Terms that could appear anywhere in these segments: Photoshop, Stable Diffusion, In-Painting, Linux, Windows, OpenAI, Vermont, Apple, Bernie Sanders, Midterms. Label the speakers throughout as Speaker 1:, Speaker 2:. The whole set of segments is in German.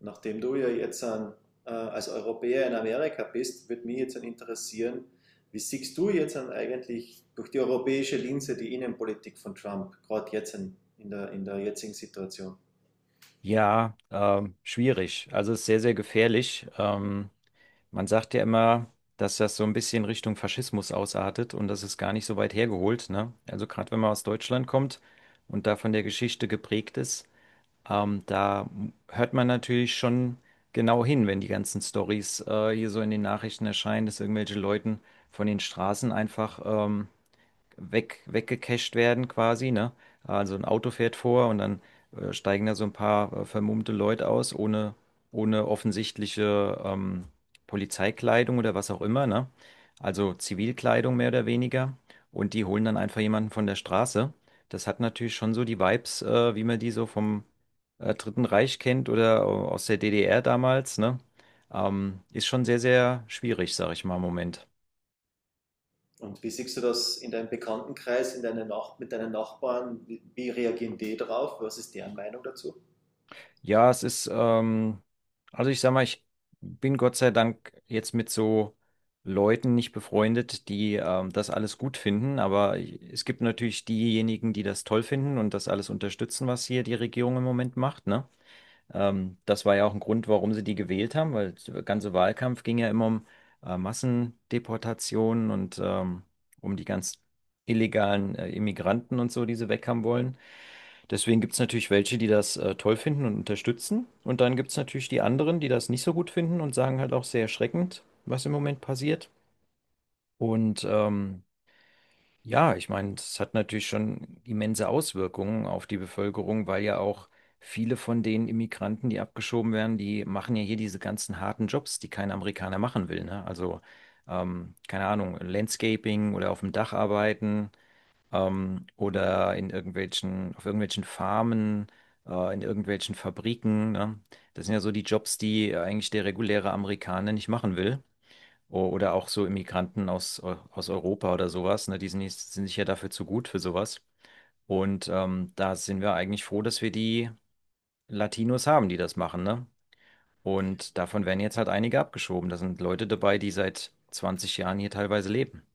Speaker 1: Nachdem du ja als Europäer in Amerika bist, würde mich jetzt an interessieren, wie siehst du jetzt an eigentlich durch die europäische Linse die Innenpolitik von Trump, gerade jetzt in der jetzigen Situation?
Speaker 2: Ja, schwierig. Also es ist sehr, sehr gefährlich. Man sagt ja immer, dass das so ein bisschen Richtung Faschismus ausartet und das ist gar nicht so weit hergeholt, ne? Also gerade wenn man aus Deutschland kommt und da von der Geschichte geprägt ist, da hört man natürlich schon genau hin, wenn die ganzen Storys hier so in den Nachrichten erscheinen, dass irgendwelche Leuten von den Straßen einfach weggecached werden quasi, ne? Also ein Auto fährt vor und dann steigen da so ein paar vermummte Leute aus, ohne offensichtliche Polizeikleidung oder was auch immer, ne? Also Zivilkleidung mehr oder weniger. Und die holen dann einfach jemanden von der Straße. Das hat natürlich schon so die Vibes, wie man die so vom Dritten Reich kennt oder aus der DDR damals, ne? Ist schon sehr, sehr schwierig, sag ich mal, im Moment.
Speaker 1: Und wie siehst du das in deinem Bekanntenkreis, in deine Nach mit deinen Nachbarn? Wie reagieren die drauf? Was ist deren Meinung dazu?
Speaker 2: Ja, es ist, also ich sag mal, ich bin Gott sei Dank jetzt mit so Leuten nicht befreundet, die das alles gut finden, aber es gibt natürlich diejenigen, die das toll finden und das alles unterstützen, was hier die Regierung im Moment macht, ne? Das war ja auch ein Grund, warum sie die gewählt haben, weil der ganze Wahlkampf ging ja immer um Massendeportationen und um die ganz illegalen Immigranten und so, die sie weg haben wollen. Deswegen gibt es natürlich welche, die das toll finden und unterstützen. Und dann gibt es natürlich die anderen, die das nicht so gut finden und sagen halt auch sehr erschreckend, was im Moment passiert. Und ja, ich meine, das hat natürlich schon immense Auswirkungen auf die Bevölkerung, weil ja auch viele von den Immigranten, die abgeschoben werden, die machen ja hier diese ganzen harten Jobs, die kein Amerikaner machen will. Ne? Also, keine Ahnung, Landscaping oder auf dem Dach arbeiten, oder in irgendwelchen, auf irgendwelchen Farmen, in irgendwelchen Fabriken, ne? Das sind ja so die Jobs, die eigentlich der reguläre Amerikaner nicht machen will. Oder auch so Immigranten aus Europa oder sowas, ne? Die sind, nicht- sind sich ja dafür zu gut für sowas. Und da sind wir eigentlich froh, dass wir die Latinos haben, die das machen, ne? Und davon werden jetzt halt einige abgeschoben. Da sind Leute dabei, die seit 20 Jahren hier teilweise leben.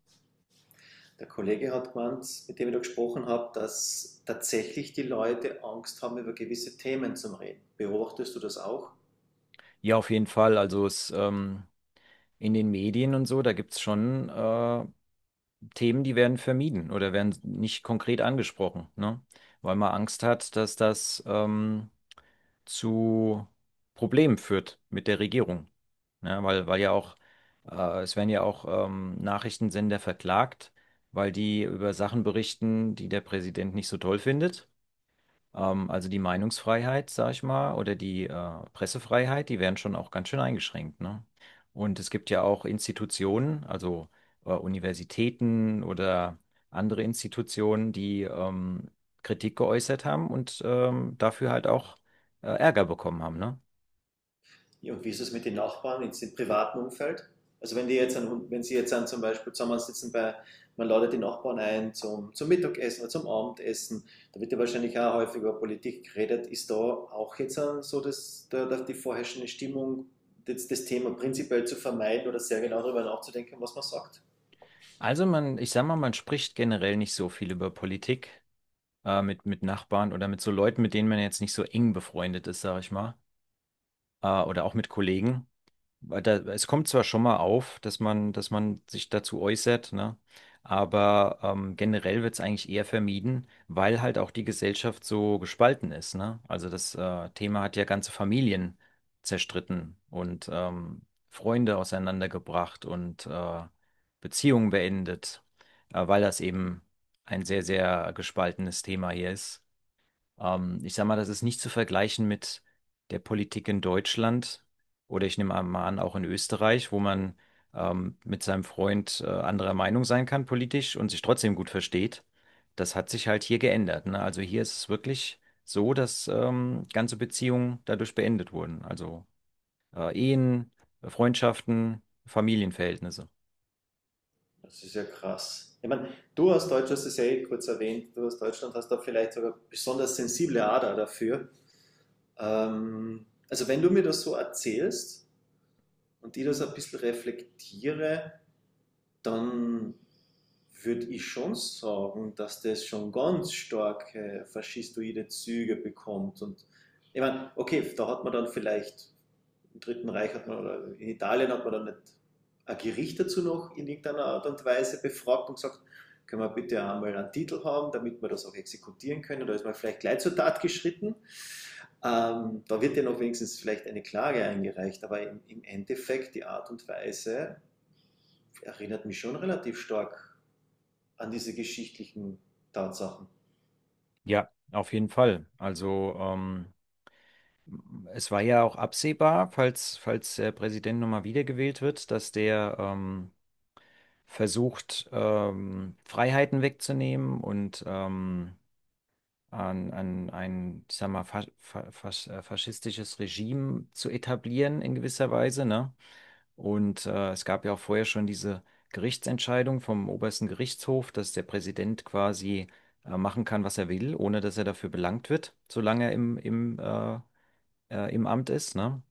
Speaker 1: Der Kollege hat gemeint, mit dem ich da gesprochen habe, dass tatsächlich die Leute Angst haben, über gewisse Themen zu reden. Beobachtest du das auch?
Speaker 2: Ja, auf jeden Fall. Also in den Medien und so, da gibt es schon Themen, die werden vermieden oder werden nicht konkret angesprochen, ne? Weil man Angst hat, dass das zu Problemen führt mit der Regierung. Ja, weil ja auch, es werden ja auch Nachrichtensender verklagt, weil die über Sachen berichten, die der Präsident nicht so toll findet. Also die Meinungsfreiheit, sag ich mal, oder die Pressefreiheit, die werden schon auch ganz schön eingeschränkt, ne? Und es gibt ja auch Institutionen, also Universitäten oder andere Institutionen, die Kritik geäußert haben und dafür halt auch Ärger bekommen haben, ne?
Speaker 1: Ja, und wie ist es mit den Nachbarn jetzt im privaten Umfeld? Also wenn Sie jetzt an zum Beispiel zusammensitzen, man ladet die Nachbarn ein zum Mittagessen oder zum Abendessen, da wird ja wahrscheinlich auch häufig über Politik geredet, ist da auch jetzt an so das, da, da die vorherrschende Stimmung, das Thema prinzipiell zu vermeiden oder sehr genau darüber nachzudenken, was man sagt?
Speaker 2: Also man, ich sag mal, man spricht generell nicht so viel über Politik, mit Nachbarn oder mit so Leuten, mit denen man jetzt nicht so eng befreundet ist, sag ich mal, oder auch mit Kollegen. Weil da, es kommt zwar schon mal auf, dass dass man sich dazu äußert, ne? Aber generell wird es eigentlich eher vermieden, weil halt auch die Gesellschaft so gespalten ist, ne? Also das Thema hat ja ganze Familien zerstritten und Freunde auseinandergebracht und Beziehungen beendet, weil das eben ein sehr, sehr gespaltenes Thema hier ist. Ich sag mal, das ist nicht zu vergleichen mit der Politik in Deutschland oder ich nehme mal an, auch in Österreich, wo man mit seinem Freund anderer Meinung sein kann politisch und sich trotzdem gut versteht. Das hat sich halt hier geändert, ne? Also hier ist es wirklich so, dass ganze Beziehungen dadurch beendet wurden. Also Ehen, Freundschaften, Familienverhältnisse.
Speaker 1: Das ist ja krass. Ich meine, du aus Deutschland, das ist ja eh kurz erwähnt, du aus Deutschland hast da vielleicht sogar besonders sensible Ader dafür. Also wenn du mir das so erzählst, und ich das ein bisschen reflektiere, dann würde ich schon sagen, dass das schon ganz starke faschistoide Züge bekommt. Und ich meine, okay, da hat man dann vielleicht im Dritten Reich hat man, oder in Italien hat man dann nicht ein Gericht dazu noch in irgendeiner Art und Weise befragt und gesagt, können wir bitte einmal einen Titel haben, damit wir das auch exekutieren können. Da ist man vielleicht gleich zur Tat geschritten. Da wird ja noch wenigstens vielleicht eine Klage eingereicht, aber im Endeffekt die Art und Weise erinnert mich schon relativ stark an diese geschichtlichen Tatsachen.
Speaker 2: Ja, auf jeden Fall. Also es war ja auch absehbar, falls der Präsident nochmal wiedergewählt wird, dass der versucht, Freiheiten wegzunehmen und an ein, ich sag mal, fa fa fas faschistisches Regime zu etablieren in gewisser Weise, ne? Und es gab ja auch vorher schon diese Gerichtsentscheidung vom obersten Gerichtshof, dass der Präsident quasi machen kann, was er will, ohne dass er dafür belangt wird, solange er im Amt ist, ne?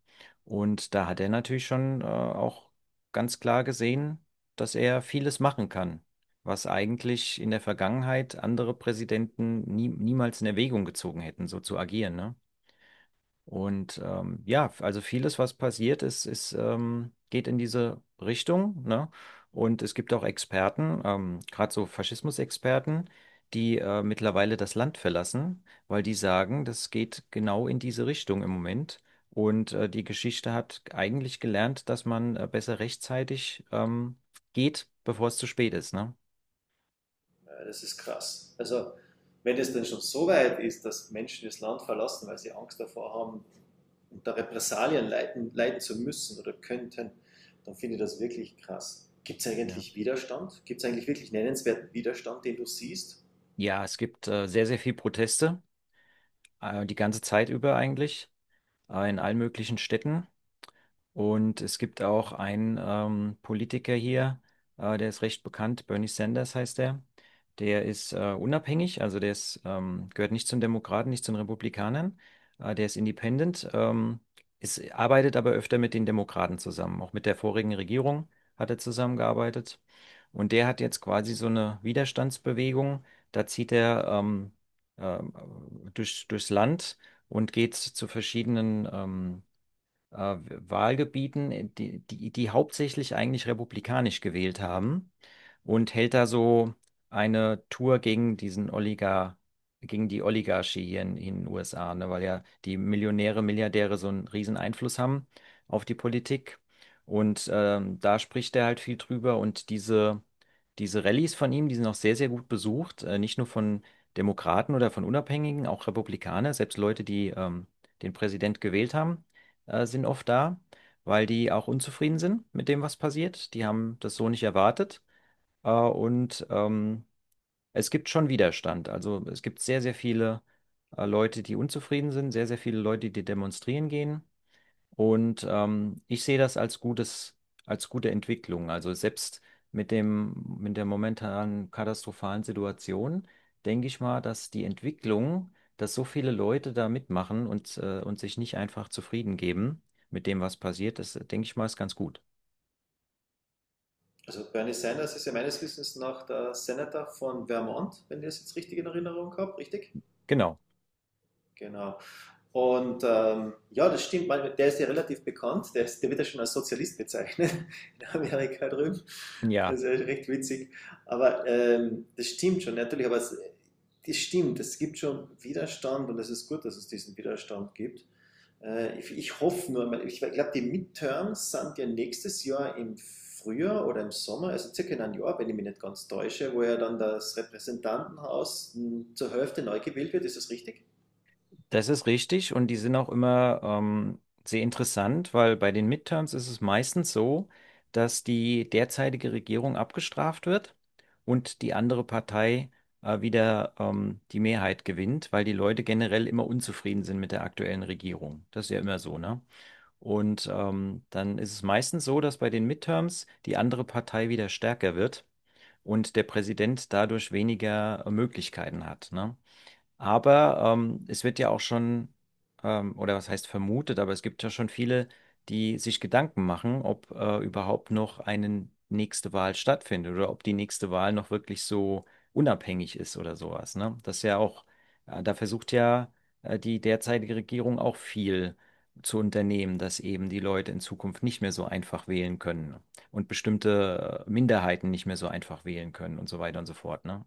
Speaker 2: Und da hat er natürlich schon auch ganz klar gesehen, dass er vieles machen kann, was eigentlich in der Vergangenheit andere Präsidenten niemals in Erwägung gezogen hätten, so zu agieren, ne? Und ja, also vieles, was passiert ist, geht in diese Richtung, ne? Und es gibt auch Experten, gerade so Faschismusexperten, die mittlerweile das Land verlassen, weil die sagen, das geht genau in diese Richtung im Moment. Und die Geschichte hat eigentlich gelernt, dass man besser rechtzeitig geht, bevor es zu spät ist, ne?
Speaker 1: Ja, das ist krass. Also, wenn es dann schon so weit ist, dass Menschen das Land verlassen, weil sie Angst davor haben, unter Repressalien leiden zu müssen oder könnten, dann finde ich das wirklich krass. Gibt es
Speaker 2: Ja,
Speaker 1: eigentlich Widerstand? Gibt es eigentlich wirklich nennenswerten Widerstand, den du siehst?
Speaker 2: ja, es gibt sehr, sehr viel Proteste, die ganze Zeit über eigentlich, in allen möglichen Städten. Und es gibt auch einen Politiker hier, der ist recht bekannt, Bernie Sanders heißt er. Der ist unabhängig, also gehört nicht zu den Demokraten, nicht zu den Republikanern. Der ist independent, arbeitet aber öfter mit den Demokraten zusammen. Auch mit der vorigen Regierung hat er zusammengearbeitet. Und der hat jetzt quasi so eine Widerstandsbewegung. Da zieht er ähm, durchs Land und geht zu verschiedenen äh, Wahlgebieten, die hauptsächlich eigentlich republikanisch gewählt haben, und hält da so eine Tour gegen die Oligarchie hier in den USA, ne, weil ja die Millionäre, Milliardäre so einen riesen Einfluss haben auf die Politik. Und da spricht er halt viel drüber, und diese Rallyes von ihm, die sind auch sehr, sehr gut besucht, nicht nur von Demokraten oder von Unabhängigen, auch Republikaner, selbst Leute, die den Präsident gewählt haben, sind oft da, weil die auch unzufrieden sind mit dem, was passiert. Die haben das so nicht erwartet. Und es gibt schon Widerstand. Also es gibt sehr, sehr viele Leute, die unzufrieden sind, sehr, sehr viele Leute, die demonstrieren gehen. Und ich sehe das als gutes, als gute Entwicklung. Also selbst mit dem, mit der momentanen katastrophalen Situation denke ich mal, dass die Entwicklung, dass so viele Leute da mitmachen und sich nicht einfach zufrieden geben mit dem, was passiert, das denke ich mal, ist ganz gut.
Speaker 1: Also Bernie Sanders ist ja meines Wissens nach der Senator von Vermont, wenn ich das jetzt richtig in Erinnerung habe, richtig?
Speaker 2: Genau.
Speaker 1: Genau. Und ja, das stimmt, der ist ja relativ bekannt, der wird ja schon als Sozialist bezeichnet in Amerika drüben.
Speaker 2: Ja.
Speaker 1: Das ist ja recht witzig. Aber das stimmt schon, natürlich, das stimmt, es gibt schon Widerstand und es ist gut, dass es diesen Widerstand gibt. Ich hoffe nur, ich glaube, die Midterms sind ja nächstes Jahr im Frühjahr oder im Sommer, also circa in einem Jahr, wenn ich mich nicht ganz täusche, wo ja dann das Repräsentantenhaus zur Hälfte neu gewählt wird. Ist das richtig?
Speaker 2: Das ist richtig und die sind auch immer sehr interessant, weil bei den Midterms ist es meistens so, dass die derzeitige Regierung abgestraft wird und die andere Partei wieder die Mehrheit gewinnt, weil die Leute generell immer unzufrieden sind mit der aktuellen Regierung. Das ist ja immer so, ne? Und dann ist es meistens so, dass bei den Midterms die andere Partei wieder stärker wird und der Präsident dadurch weniger Möglichkeiten hat, ne? Aber es wird ja auch oder was heißt vermutet, aber es gibt ja schon viele, die sich Gedanken machen, ob überhaupt noch eine nächste Wahl stattfindet oder ob die nächste Wahl noch wirklich so unabhängig ist oder sowas. Ne? Das ist ja auch, da versucht ja die derzeitige Regierung auch viel zu unternehmen, dass eben die Leute in Zukunft nicht mehr so einfach wählen können und bestimmte Minderheiten nicht mehr so einfach wählen können und so weiter und so fort. Ne?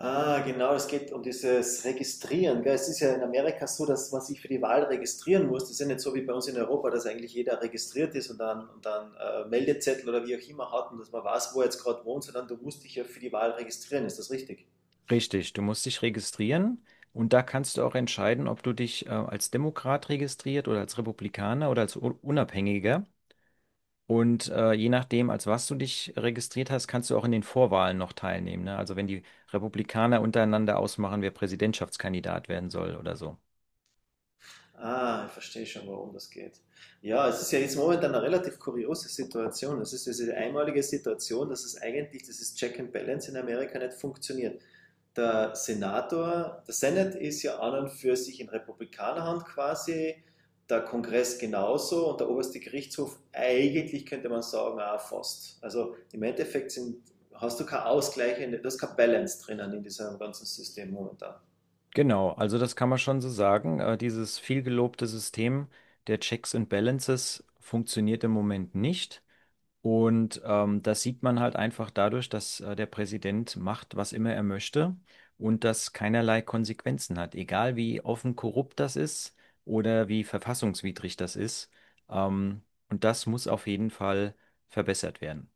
Speaker 1: Ah, genau, es geht um dieses Registrieren. Gell? Es ist ja in Amerika so, dass man sich für die Wahl registrieren muss. Das ist ja nicht so wie bei uns in Europa, dass eigentlich jeder registriert ist und dann Meldezettel oder wie auch immer hat und dass man weiß, wo er jetzt gerade wohnt, sondern du musst dich ja für die Wahl registrieren. Ist das richtig?
Speaker 2: Richtig, du musst dich registrieren, und da kannst du auch entscheiden, ob du dich als Demokrat registriert oder als Republikaner oder als Unabhängiger. Und je nachdem, als was du dich registriert hast, kannst du auch in den Vorwahlen noch teilnehmen. Ne? Also wenn die Republikaner untereinander ausmachen, wer Präsidentschaftskandidat werden soll oder so.
Speaker 1: Ah, ich verstehe schon, warum das geht. Ja, es ist ja jetzt momentan eine relativ kuriose Situation. Es ist diese einmalige Situation, dass es eigentlich dieses Check and Balance in Amerika nicht funktioniert. Der Senate ist ja an und für sich in Republikanerhand quasi, der Kongress genauso und der oberste Gerichtshof eigentlich könnte man sagen, auch fast. Also im Endeffekt hast du keinen Ausgleich, du hast kein Balance drinnen in diesem ganzen System momentan.
Speaker 2: Genau, also das kann man schon so sagen. Dieses vielgelobte System der Checks and Balances funktioniert im Moment nicht. Und das sieht man halt einfach dadurch, dass der Präsident macht, was immer er möchte, und das keinerlei Konsequenzen hat. Egal wie offen korrupt das ist oder wie verfassungswidrig das ist. Ähm, und das muss auf jeden Fall verbessert werden.